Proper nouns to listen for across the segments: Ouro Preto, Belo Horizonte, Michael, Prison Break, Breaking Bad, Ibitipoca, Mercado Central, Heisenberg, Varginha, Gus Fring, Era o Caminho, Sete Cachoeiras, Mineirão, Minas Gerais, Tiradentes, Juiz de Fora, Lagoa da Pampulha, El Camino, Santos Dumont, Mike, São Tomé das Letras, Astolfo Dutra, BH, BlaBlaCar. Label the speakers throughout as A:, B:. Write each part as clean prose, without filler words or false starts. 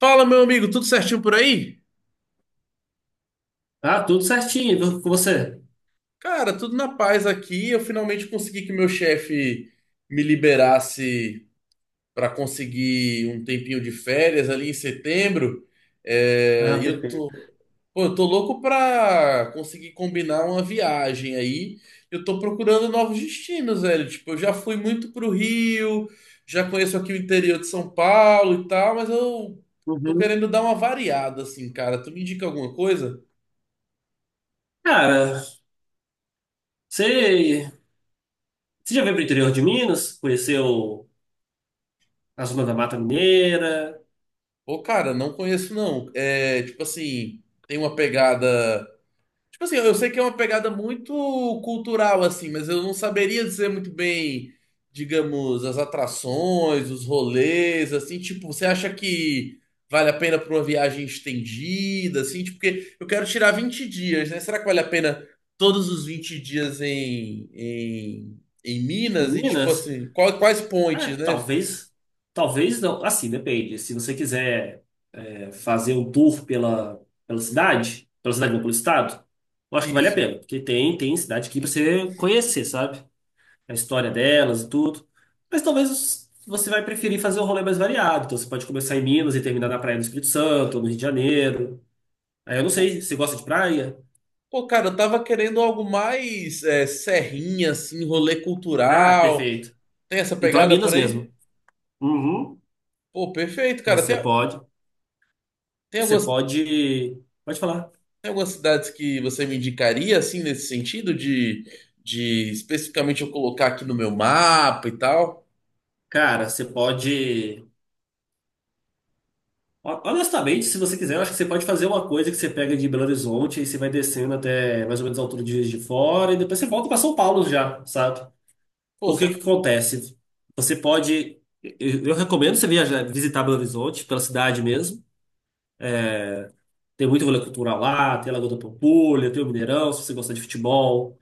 A: Fala, meu amigo, tudo certinho por aí?
B: Ah, tudo certinho. E com você?
A: Cara, tudo na paz aqui. Eu finalmente consegui que meu chefe me liberasse para conseguir um tempinho de férias ali em setembro. É,
B: Ah,
A: e
B: perfeito.
A: pô, eu tô louco para conseguir combinar uma viagem aí. Eu tô procurando novos destinos, velho. Tipo, eu já fui muito pro Rio, já conheço aqui o interior de São Paulo e tal, mas eu tô
B: Uhum.
A: querendo dar uma variada assim, cara. Tu me indica alguma coisa?
B: Cara, você, você já veio pro interior de Minas? Conheceu a zona da Mata Mineira.
A: Ô, cara, não conheço não. É, tipo assim, tem uma pegada. Tipo assim, eu sei que é uma pegada muito cultural, assim, mas eu não saberia dizer muito bem, digamos, as atrações, os rolês, assim, tipo, você acha que vale a pena pra uma viagem estendida, assim, tipo, porque eu quero tirar 20 dias, né? Será que vale a pena todos os 20 dias em
B: Em
A: Minas? E, tipo
B: Minas?
A: assim, quais
B: Ah,
A: pontes, né?
B: talvez, talvez não. Assim, depende. Se você quiser fazer um tour pela, pela cidade não, pelo estado, eu acho que vale a
A: Isso.
B: pena, porque tem, tem cidade aqui pra você conhecer, sabe? A história delas e tudo. Mas talvez você vai preferir fazer um rolê mais variado. Então você pode começar em Minas e terminar na praia do Espírito Santo, ou no Rio de Janeiro. Aí eu não sei, você gosta de praia?
A: Pô, cara, eu tava querendo algo mais serrinha, assim, rolê
B: Ah,
A: cultural.
B: perfeito.
A: Tem essa
B: Então é
A: pegada por
B: Minas
A: aí?
B: mesmo. Uhum.
A: Pô, perfeito, cara.
B: Você pode,
A: Tem
B: você
A: algumas,
B: pode, pode falar.
A: tem algumas cidades que você me indicaria, assim, nesse sentido de especificamente eu colocar aqui no meu mapa e tal?
B: Cara, você pode, honestamente, se você quiser, eu acho que você pode fazer uma coisa que você pega de Belo Horizonte e você vai descendo até mais ou menos a altura de Juiz de Fora e depois você volta para São Paulo já, sabe?
A: Pô,
B: Porque o que
A: sabe?
B: acontece? Você pode. Eu recomendo você viajar, visitar Belo Horizonte, pela cidade mesmo. Tem muito rolê cultural lá, tem a Lagoa da Pampulha, tem o Mineirão, se você gosta de futebol.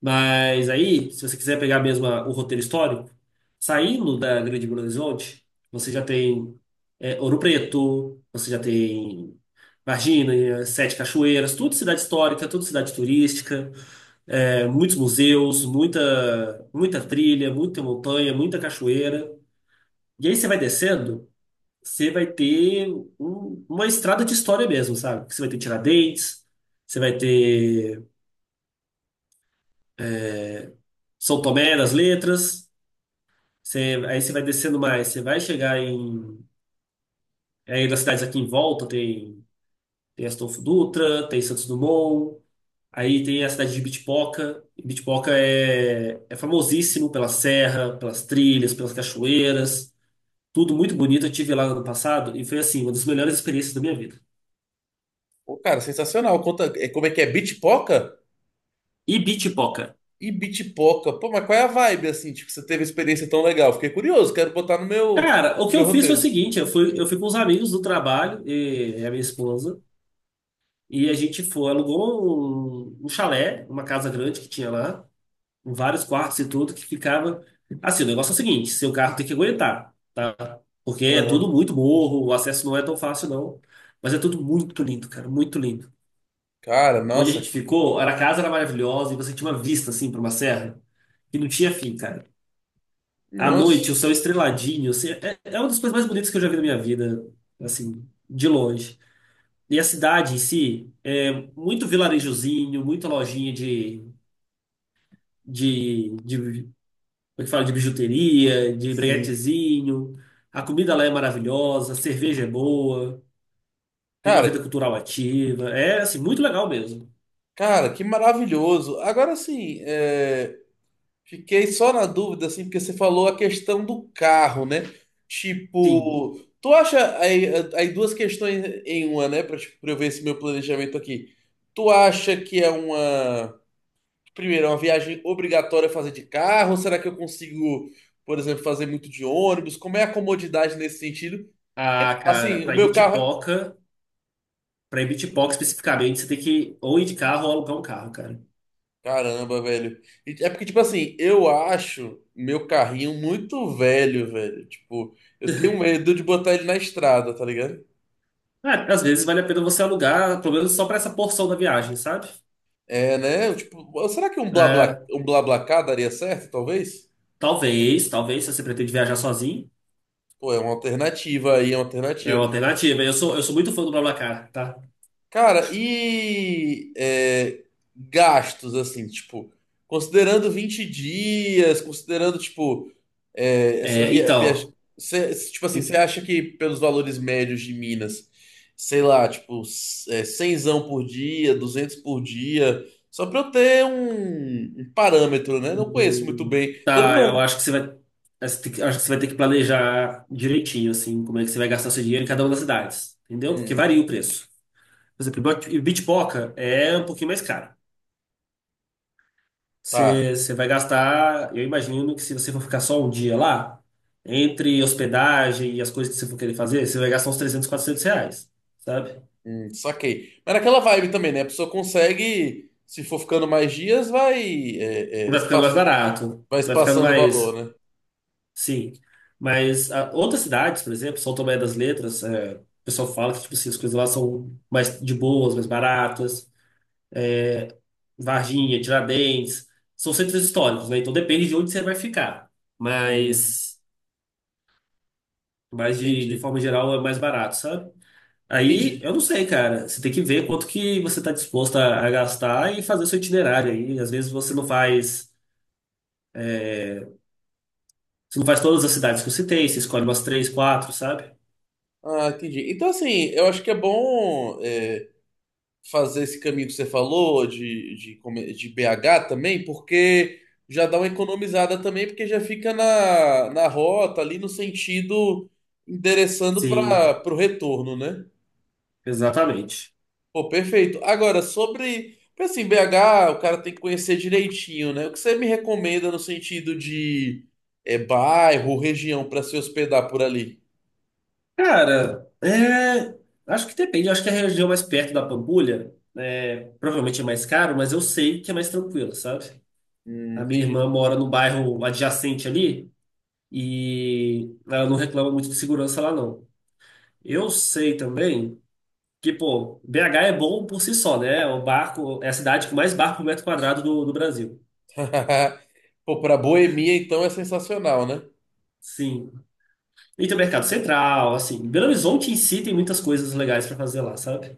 B: Mas aí, se você quiser pegar mesmo o roteiro histórico, saindo da Grande Belo Horizonte, você já tem Ouro Preto, você já tem Varginha, Sete Cachoeiras, tudo cidade histórica, tudo cidade turística. É, muitos museus, muita, muita trilha, muita montanha, muita cachoeira. E aí você vai descendo, você vai ter uma estrada de história mesmo, sabe? Você vai ter Tiradentes, você vai ter São Tomé das Letras, aí você vai descendo mais, você vai chegar em... Aí nas cidades aqui em volta tem, tem Astolfo Dutra, tem Santos Dumont, aí tem a cidade de Bitipoca. E Bitipoca é, é famosíssimo pela serra, pelas trilhas, pelas cachoeiras, tudo muito bonito. Eu tive lá no ano passado e foi assim, uma das melhores experiências da minha vida.
A: Pô, cara, sensacional. Conta, como é que é? Bitpoca?
B: E Bitipoca.
A: E Bitpoca? Pô, mas qual é a vibe, assim? Tipo, você teve experiência tão legal. Fiquei curioso, quero botar no meu,
B: Cara, o
A: no
B: que
A: meu
B: eu fiz foi o
A: roteiro.
B: seguinte, eu fui com os amigos do trabalho e a minha esposa, e a gente foi, alugou um chalé, uma casa grande que tinha lá, com vários quartos e tudo, que ficava... Assim, o negócio é o seguinte, seu carro tem que aguentar, tá? Porque é
A: Aham.
B: tudo muito morro, o acesso não é tão fácil não, mas é tudo muito lindo, cara, muito lindo.
A: Cara,
B: Onde a
A: nossa.
B: gente ficou, era a casa era maravilhosa e você tinha uma vista, assim, para uma serra, que não tinha fim, cara. À noite,
A: Nossa.
B: o céu estreladinho, assim, é uma das coisas mais bonitas que eu já vi na minha vida, assim, de longe. E a cidade em si é muito vilarejozinho, muita lojinha de como é que fala, de bijuteria, de
A: Sim.
B: breguetezinho. A comida lá é maravilhosa, a cerveja é boa, tem uma vida
A: Cara,
B: cultural ativa. É, assim, muito legal mesmo.
A: Que maravilhoso. Agora sim, fiquei só na dúvida, assim, porque você falou a questão do carro, né?
B: Sim.
A: Tipo, tu acha aí duas questões em uma, né? Tipo, pra eu ver esse meu planejamento aqui. Tu acha que é uma, primeiro, é uma viagem obrigatória fazer de carro? Será que eu consigo, por exemplo, fazer muito de ônibus? Como é a comodidade nesse sentido?
B: Ah, cara,
A: Assim, o meu carro.
B: Pra ir Bitipoca especificamente, você tem que ou ir de carro ou alugar um carro, cara.
A: Caramba, velho. E porque, tipo assim, eu acho meu carrinho muito velho, velho. Tipo, eu tenho medo de botar ele na estrada, tá ligado?
B: É, às vezes vale a pena você alugar, pelo menos só para essa porção da viagem, sabe?
A: É, né? Tipo, será que um blabla,
B: É,
A: um BlaBlaCar daria certo, talvez?
B: talvez, talvez, se você pretende viajar sozinho,
A: Pô, é uma alternativa aí, é uma
B: é
A: alternativa.
B: uma alternativa. Eu sou muito fã do BlaBlaCar, tá?
A: Cara, e gastos, assim, tipo, considerando 20 dias, considerando, tipo, essa
B: É, então,
A: viagem. Tipo assim,
B: e-
A: você acha que pelos valores médios de Minas, sei lá, tipo, 100zão por dia, 200 por dia, só pra eu ter um parâmetro, né? Não conheço muito bem. Todo
B: tá, eu
A: mundo. é-
B: acho que você vai, acho que você vai ter que planejar direitinho, assim, como é que você vai gastar seu dinheiro em cada uma das cidades, entendeu? Porque
A: Hum,
B: varia o preço. Por exemplo, Ibitipoca é um pouquinho mais caro.
A: tá,
B: Você vai gastar, eu imagino que se você for ficar só um dia lá, entre hospedagem e as coisas que você for querer fazer, você vai gastar uns 300, 400 reais, sabe?
A: saquei. Mas naquela vibe também, né? A pessoa consegue. Se for ficando mais dias, é, é,
B: Vai ficando mais barato,
A: vai se
B: vai ficando
A: passando o valor,
B: mais.
A: né?
B: Sim. Mas ah, outras cidades, por exemplo, São Tomé das Letras, é, o pessoal fala que tipo, assim, as coisas lá são mais de boas, mais baratas. Varginha, Tiradentes, são centros históricos, né? Então depende de onde você vai ficar.
A: Hum.
B: Mas, mas de
A: Entendi,
B: forma geral, é mais barato, sabe? Aí,
A: entendi.
B: eu não sei, cara. Você tem que ver quanto que você está disposto a gastar e fazer o seu itinerário aí. Às vezes você não faz todas as cidades que eu citei, você escolhe umas três, quatro, sabe?
A: Ah, entendi. Então, assim, eu acho que é bom fazer esse caminho que você falou de BH também, porque já dá uma economizada também, porque já fica na rota ali no sentido endereçando
B: Sim,
A: para o retorno, né?
B: exatamente.
A: Pô, perfeito. Agora, sobre, porque, assim, BH, o cara tem que conhecer direitinho, né? O que você me recomenda no sentido de bairro, região para se hospedar por ali?
B: Cara, é, acho que depende. Acho que a região mais perto da Pampulha é, provavelmente é mais caro, mas eu sei que é mais tranquilo, sabe? A minha
A: Entendi.
B: irmã mora no bairro adjacente ali e ela não reclama muito de segurança lá, não. Eu sei também. Que, pô, BH é bom por si só, né? É o barco, é a cidade com mais barco por metro quadrado do Brasil.
A: Pô, pra boemia, então, é sensacional, né?
B: Sim. E tem o Mercado Central, assim. Belo Horizonte em si tem muitas coisas legais pra fazer lá, sabe?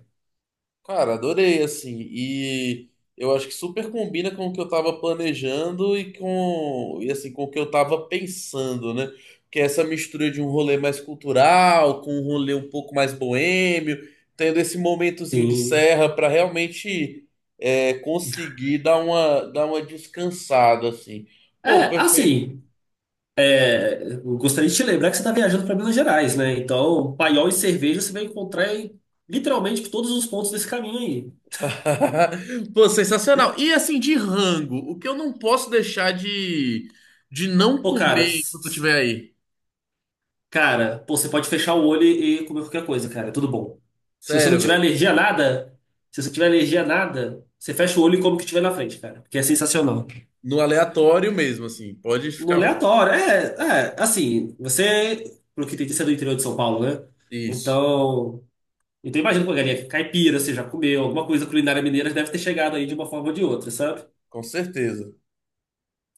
A: Cara, adorei, assim. E eu acho que super combina com o que eu tava planejando e com, e assim, com o que eu tava pensando, né? Que é essa mistura de um rolê mais cultural com um rolê um pouco mais boêmio, tendo esse momentozinho de
B: Sim.
A: serra pra realmente conseguir dar uma descansada, assim.
B: É,
A: Pô, perfeito.
B: assim, eu gostaria de te lembrar que você está viajando para Minas Gerais, né? Então, paiol e cerveja você vai encontrar em, literalmente todos os pontos desse caminho aí.
A: Pô, sensacional. E assim, de rango, o que eu não posso deixar de não
B: Pô, cara,
A: comer enquanto eu
B: s-
A: estiver aí?
B: Cara, pô, você pode fechar o olho e comer qualquer coisa, cara. É tudo bom. Se você não
A: Sério,
B: tiver
A: velho.
B: alergia a nada, se você tiver alergia a nada, você fecha o olho e come o que tiver na frente, cara. Porque é sensacional.
A: No aleatório mesmo, assim. Pode
B: No
A: ficar, à vontade.
B: aleatório, assim, você, pelo que entendi, você é do interior de São Paulo, né?
A: Isso,
B: Então, então imagina que a galinha caipira, você já comeu, alguma coisa culinária mineira deve ter chegado aí de uma forma ou de outra, sabe?
A: com certeza.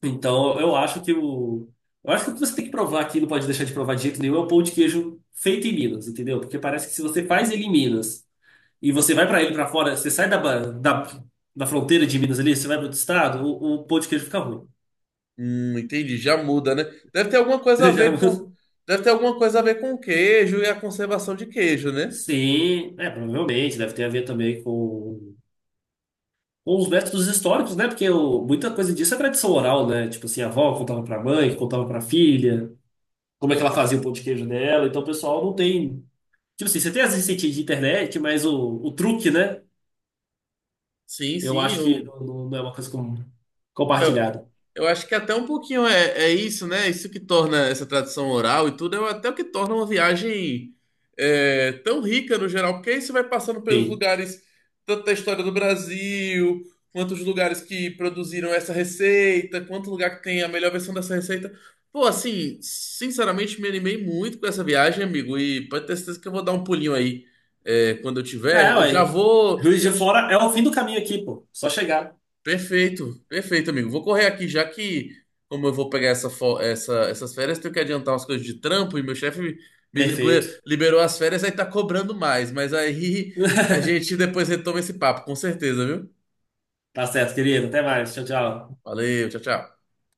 B: Então, eu acho que o. Eu acho que o que você tem que provar aqui, não pode deixar de provar de jeito nenhum, é o pão de queijo feito em Minas, entendeu? Porque parece que se você faz ele em Minas. E você vai para ele para fora, você sai da da fronteira de Minas ali, você vai para outro estado, o pão de queijo fica ruim.
A: Entendi. Já muda, né? Deve ter alguma coisa a ver
B: Já-
A: com. Deve ter alguma coisa a ver com queijo e a conservação de queijo, né?
B: Sim, é, provavelmente, deve ter a ver também com os métodos históricos, né? Porque muita coisa disso é tradição oral, né? Tipo assim, a avó contava para a mãe, contava para a filha, como é que
A: Pô,
B: ela
A: pô.
B: fazia o pão de queijo dela, então o pessoal não tem. Tipo assim, você tem as receitinhas de internet, mas o truque, né?
A: Sim,
B: Eu acho que
A: sim.
B: não é uma coisa
A: Eu,
B: compartilhada.
A: Eu acho que até um pouquinho é isso, né? Isso que torna essa tradição oral e tudo, é até o que torna uma viagem tão rica no geral, porque aí você vai passando pelos
B: Sim.
A: lugares, tanto da história do Brasil, quanto os lugares que produziram essa receita, quanto lugar que tem a melhor versão dessa receita. Pô, assim, sinceramente me animei muito com essa viagem, amigo, e pode ter certeza que eu vou dar um pulinho aí quando eu
B: É,
A: tiver. Eu já
B: ué.
A: vou.
B: Juiz
A: Eu.
B: de Fora é o fim do caminho aqui, pô. Só chegar.
A: Perfeito, perfeito, amigo. Vou correr aqui, já que, como eu vou pegar essas férias, tenho que adiantar umas coisas de trampo e meu chefe me, me libe-
B: Perfeito.
A: liberou as férias, aí tá cobrando mais. Mas aí a gente depois retoma esse papo, com certeza, viu?
B: Tá certo, querido. Até mais. Tchau, tchau.
A: Valeu, tchau, tchau.